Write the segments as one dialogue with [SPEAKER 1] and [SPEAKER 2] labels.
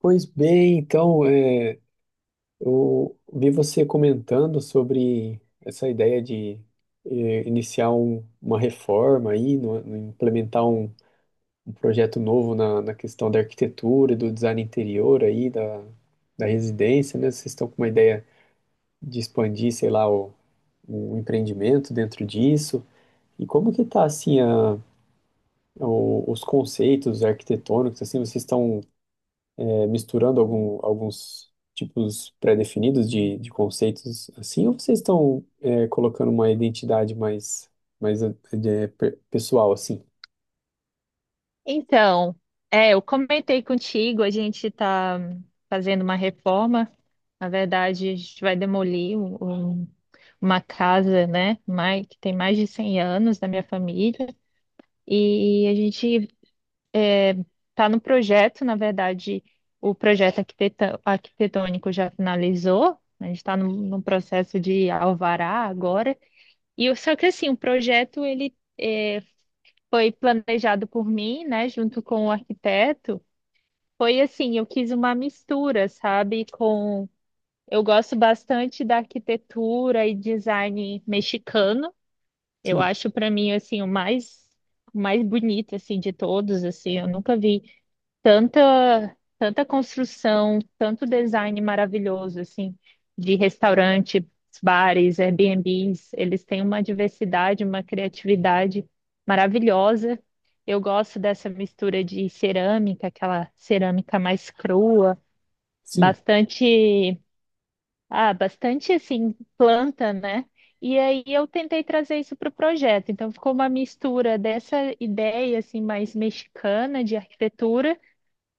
[SPEAKER 1] Pois bem, então, eu vi você comentando sobre essa ideia de iniciar uma reforma aí, implementar um projeto novo na questão da arquitetura e do design interior aí, da residência, né? Vocês estão com uma ideia de expandir, sei lá, um empreendimento dentro disso. E como que tá, assim, os conceitos arquitetônicos, assim, vocês estão misturando alguns tipos pré-definidos de conceitos assim, ou vocês estão colocando uma identidade mais, mais é, pessoal assim?
[SPEAKER 2] Então, eu comentei contigo, a gente está fazendo uma reforma. Na verdade, a gente vai demolir um- uma casa, né, que tem mais de 100 anos da minha família. E a gente está no projeto, na verdade, o projeto arquitetônico já finalizou. A gente está no processo de alvará agora. Só que assim, o projeto ele foi planejado por mim, né, junto com o arquiteto. Foi assim, eu quis uma mistura, sabe? Com Eu gosto bastante da arquitetura e design mexicano. Eu
[SPEAKER 1] Sim,
[SPEAKER 2] acho para mim assim o mais bonito assim de todos, assim, eu nunca vi tanta construção, tanto design maravilhoso assim de restaurantes, bares, Airbnbs, eles têm uma diversidade, uma criatividade maravilhosa. Eu gosto dessa mistura de cerâmica, aquela cerâmica mais crua,
[SPEAKER 1] sim.
[SPEAKER 2] bastante, bastante assim planta, né? E aí eu tentei trazer isso para o projeto. Então ficou uma mistura dessa ideia assim mais mexicana de arquitetura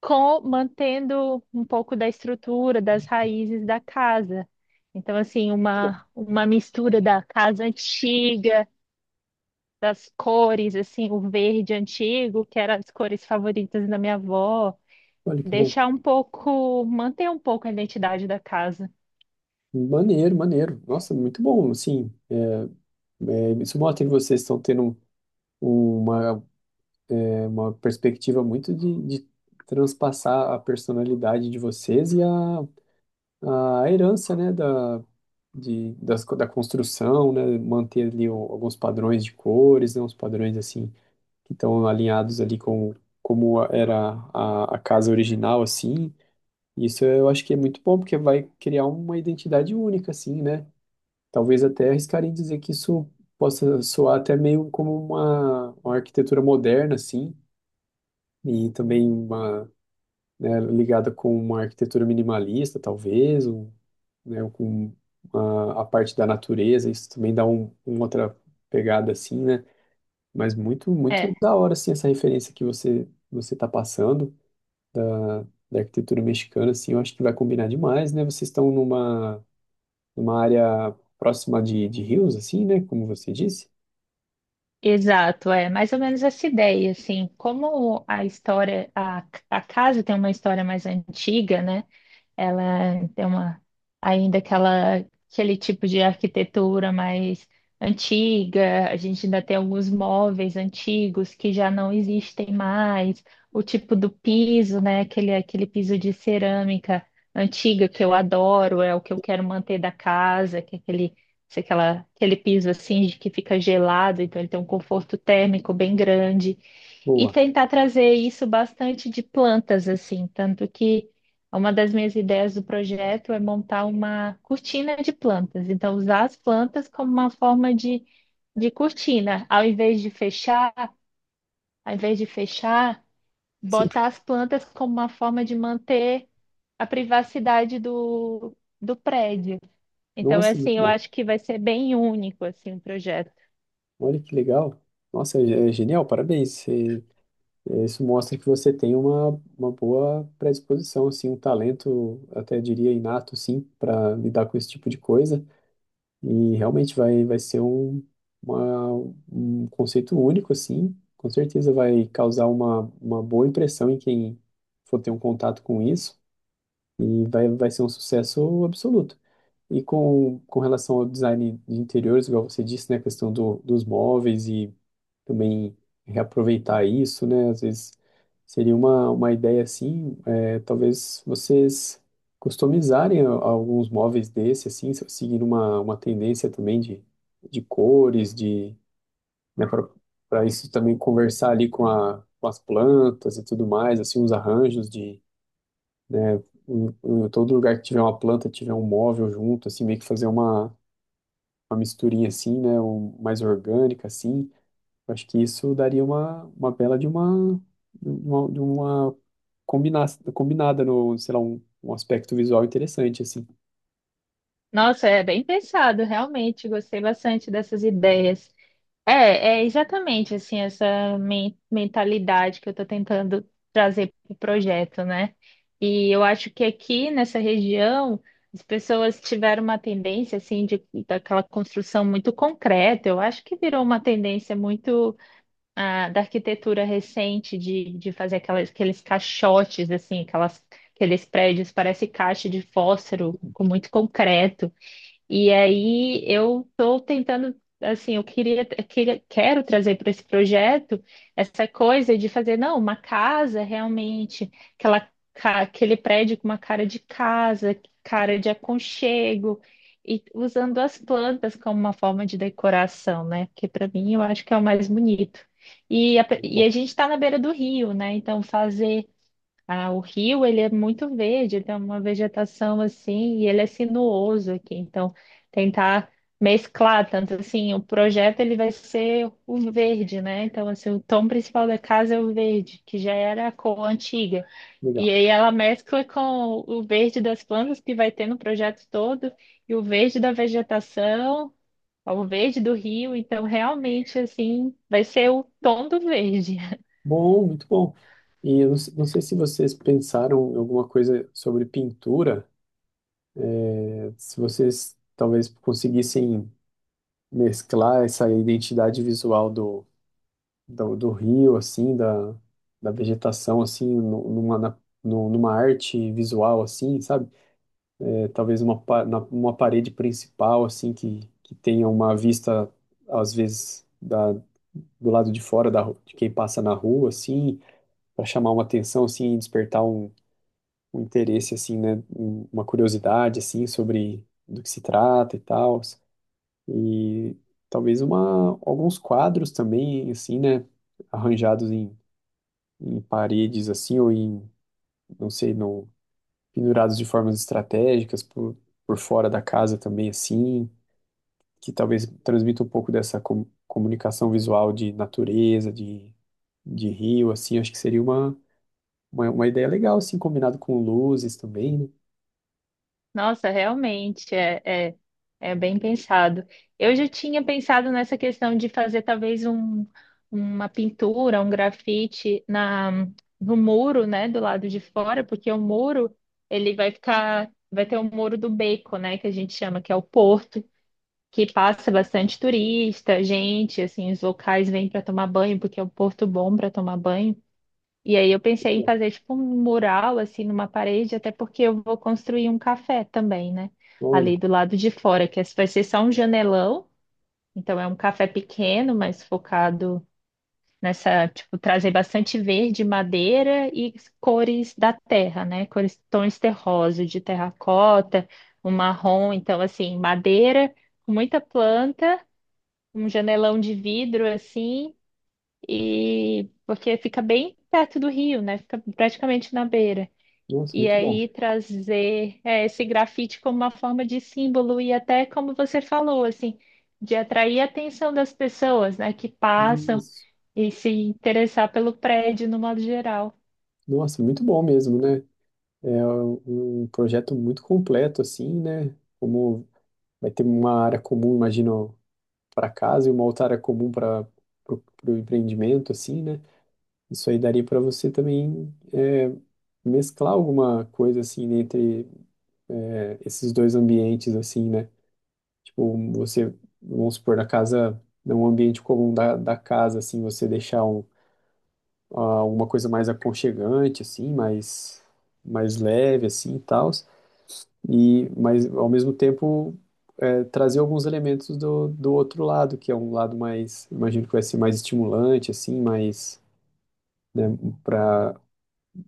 [SPEAKER 2] com mantendo um pouco da estrutura, das raízes da casa. Então, assim,
[SPEAKER 1] Tá bom.
[SPEAKER 2] uma mistura da casa antiga, das cores, assim, o verde antigo, que eram as cores favoritas da minha avó,
[SPEAKER 1] Olha que bom.
[SPEAKER 2] deixar um pouco, manter um pouco a identidade da casa.
[SPEAKER 1] Maneiro, maneiro. Nossa, muito bom, assim. Isso mostra que vocês estão tendo uma, uma perspectiva muito de transpassar a personalidade de vocês e a herança, né, da construção, né, manter ali alguns padrões de cores, né, uns padrões, assim, que estão alinhados ali com como era a casa original, assim, isso eu acho que é muito bom, porque vai criar uma identidade única, assim, né, talvez até arriscaria em dizer que isso possa soar até meio como uma arquitetura moderna, assim, e também uma, né, ligada com uma arquitetura minimalista, talvez, né, com a parte da natureza, isso também dá um, uma outra pegada assim, né? Mas muito, muito
[SPEAKER 2] É,
[SPEAKER 1] da hora, assim, essa referência que você está passando da arquitetura mexicana, assim, eu acho que vai combinar demais, né? Vocês estão numa, numa área próxima de rios, assim, né? Como você disse.
[SPEAKER 2] exato, é mais ou menos essa ideia, assim, como a história, a casa tem uma história mais antiga, né? Ela tem uma ainda aquela aquele tipo de arquitetura mais antiga. A gente ainda tem alguns móveis antigos que já não existem mais. O tipo do piso, né? Aquele piso de cerâmica antiga que eu adoro, é o que eu quero manter da casa, que é aquele se aquela, aquele piso assim de que fica gelado, então ele tem um conforto térmico bem grande. E
[SPEAKER 1] Boa.
[SPEAKER 2] tentar trazer isso bastante de plantas, assim, tanto que uma das minhas ideias do projeto é montar uma cortina de plantas. Então, usar as plantas como uma forma de cortina. Ao invés de fechar,
[SPEAKER 1] Sim.
[SPEAKER 2] botar as plantas como uma forma de manter a privacidade do prédio. Então, é
[SPEAKER 1] Nossa, muito
[SPEAKER 2] assim, eu
[SPEAKER 1] bom.
[SPEAKER 2] acho que vai ser bem único, assim, o projeto.
[SPEAKER 1] Olha que legal. Nossa, é genial, parabéns. Você isso mostra que você tem uma boa predisposição, assim, um talento, até diria inato, sim, para lidar com esse tipo de coisa. E realmente vai, vai ser um, uma, um conceito único, assim. Com certeza vai causar uma boa impressão em quem for ter um contato com isso. E vai, vai ser um sucesso absoluto. E com relação ao design de interiores, igual você disse, né, a questão dos móveis e também reaproveitar isso, né, às vezes seria uma ideia assim, é, talvez vocês customizarem alguns móveis desse, assim, seguindo uma tendência também de cores, de, né, para isso também conversar ali com com as plantas e tudo mais, assim, uns arranjos de, né, em todo lugar que tiver uma planta, tiver um móvel junto, assim, meio que fazer uma misturinha assim, né, um, mais orgânica assim, eu acho que isso daria uma bela de uma, de uma combina, combinada no, sei lá, um aspecto visual interessante assim.
[SPEAKER 2] Nossa, é bem pensado, realmente. Gostei bastante dessas ideias. É exatamente assim essa mentalidade que eu estou tentando trazer para o projeto, né? E eu acho que aqui nessa região as pessoas tiveram uma tendência assim de daquela construção muito concreta. Eu acho que virou uma tendência muito da arquitetura recente de fazer aqueles caixotes assim, aqueles prédios parece caixa de fósforo com muito concreto. E aí eu estou tentando, assim, eu queria, queria quero trazer para esse projeto essa coisa de fazer, não, uma casa realmente, aquele prédio com uma cara de casa, cara de aconchego, e usando as plantas como uma forma de decoração, né? Porque para mim eu acho que é o mais bonito. E
[SPEAKER 1] Bom,
[SPEAKER 2] a gente está na beira do rio, né? Então fazer ah, o rio, ele é muito verde, tem uma vegetação assim, e ele é sinuoso aqui. Então, tentar mesclar tanto assim, o projeto ele vai ser o verde, né? Então, assim, o tom principal da casa é o verde, que já era a cor antiga. E
[SPEAKER 1] legal.
[SPEAKER 2] aí ela mescla com o verde das plantas que vai ter no projeto todo, e o verde da vegetação, o verde do rio. Então, realmente, assim, vai ser o tom do verde.
[SPEAKER 1] Bom, muito bom. E eu não, não sei se vocês pensaram em alguma coisa sobre pintura, né, se vocês talvez conseguissem mesclar essa identidade visual do do rio, assim, da vegetação, assim, numa arte visual, assim, sabe? É, talvez uma, uma parede principal, assim, que tenha uma vista, às vezes, do lado de fora de quem passa na rua, assim, para chamar uma atenção, assim, e despertar um, um interesse, assim, né? Uma curiosidade, assim, sobre do que se trata e tal. E talvez uma, alguns quadros também, assim, né? Arranjados em paredes assim, ou em, não sei, no, pendurados de formas estratégicas por fora da casa também assim, que talvez transmita um pouco dessa comunicação visual de natureza, de rio, assim, acho que seria uma ideia legal, assim, combinado com luzes também, né?
[SPEAKER 2] Nossa, realmente é, é bem pensado. Eu já tinha pensado nessa questão de fazer talvez uma pintura, um grafite no muro, né, do lado de fora, porque o muro ele vai ficar, vai ter o muro do beco, né, que a gente chama, que é o porto, que passa bastante turista, gente, assim, os locais vêm para tomar banho, porque é um porto bom para tomar banho. E aí eu pensei em fazer tipo um mural assim numa parede, até porque eu vou construir um café também, né?
[SPEAKER 1] Olha,
[SPEAKER 2] Ali do lado de fora, que esse vai ser só um janelão, então é um café pequeno, mas focado nessa, tipo, trazer bastante verde, madeira e cores da terra, né? Cores tons terrosos, de terracota, um marrom, então assim, madeira, com muita planta, um janelão de vidro assim. E porque fica bem perto do rio, né? Fica praticamente na beira.
[SPEAKER 1] nossa,
[SPEAKER 2] E
[SPEAKER 1] muito bom.
[SPEAKER 2] aí trazer é, esse grafite como uma forma de símbolo e até como você falou, assim, de atrair a atenção das pessoas, né, que passam
[SPEAKER 1] Isso.
[SPEAKER 2] e se interessar pelo prédio no modo geral.
[SPEAKER 1] Nossa, muito bom mesmo, né? É um projeto muito completo, assim, né? Como vai ter uma área comum, imagino, para casa e uma outra área comum para o empreendimento, assim, né? Isso aí daria para você também é, mesclar alguma coisa, assim, entre é, esses dois ambientes, assim, né? Tipo, você, vamos supor, na casa, num ambiente comum da casa, assim, você deixar um, ah, uma coisa mais aconchegante, assim, mais, mais leve, assim, e tal e mas ao mesmo tempo é, trazer alguns elementos do outro lado, que é um lado mais, imagino que vai ser mais estimulante, assim, mais, né, para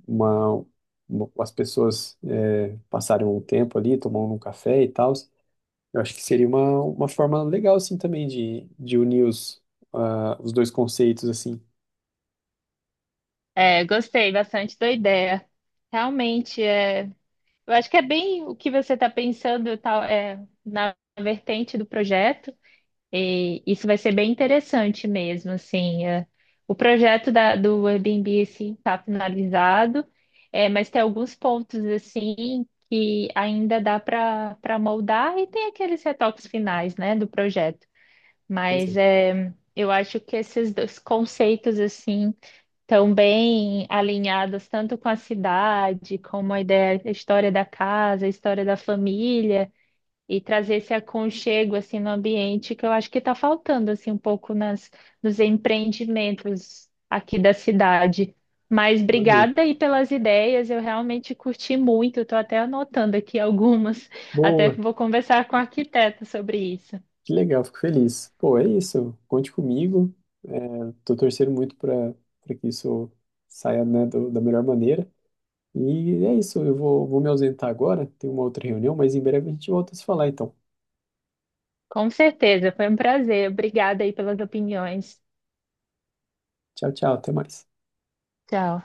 [SPEAKER 1] uma, as pessoas é, passarem um tempo ali, tomando um café e tal. Eu acho que seria uma forma legal, assim, também de unir os, ah, os dois conceitos, assim.
[SPEAKER 2] É, gostei bastante da ideia. Realmente, é, eu acho que é bem o que você está pensando, tal, é, na vertente do projeto. E isso vai ser bem interessante mesmo, assim. É. O projeto do Airbnb, assim, está finalizado, é, mas tem alguns pontos, assim, que ainda dá para moldar e tem aqueles retoques finais, né, do projeto.
[SPEAKER 1] Nossa,
[SPEAKER 2] Mas é, eu acho que esses dois conceitos, assim, estão bem alinhados tanto com a cidade, como a ideia, a história da casa, a história da família e trazer esse aconchego assim no ambiente que eu acho que está faltando assim um pouco nas nos empreendimentos aqui da cidade. Mas
[SPEAKER 1] maneiro.
[SPEAKER 2] obrigada aí pelas ideias, eu realmente curti muito, estou até anotando aqui algumas, até
[SPEAKER 1] Boa,
[SPEAKER 2] que vou conversar com o arquiteto sobre isso.
[SPEAKER 1] que legal, fico feliz. Pô, é isso, conte comigo. Tô torcendo muito para que isso saia, né, da melhor maneira. E é isso, eu vou, vou me ausentar agora, tem uma outra reunião, mas em breve a gente volta a se falar, então.
[SPEAKER 2] Com certeza, foi um prazer. Obrigada aí pelas opiniões.
[SPEAKER 1] Tchau, tchau, até mais.
[SPEAKER 2] Tchau.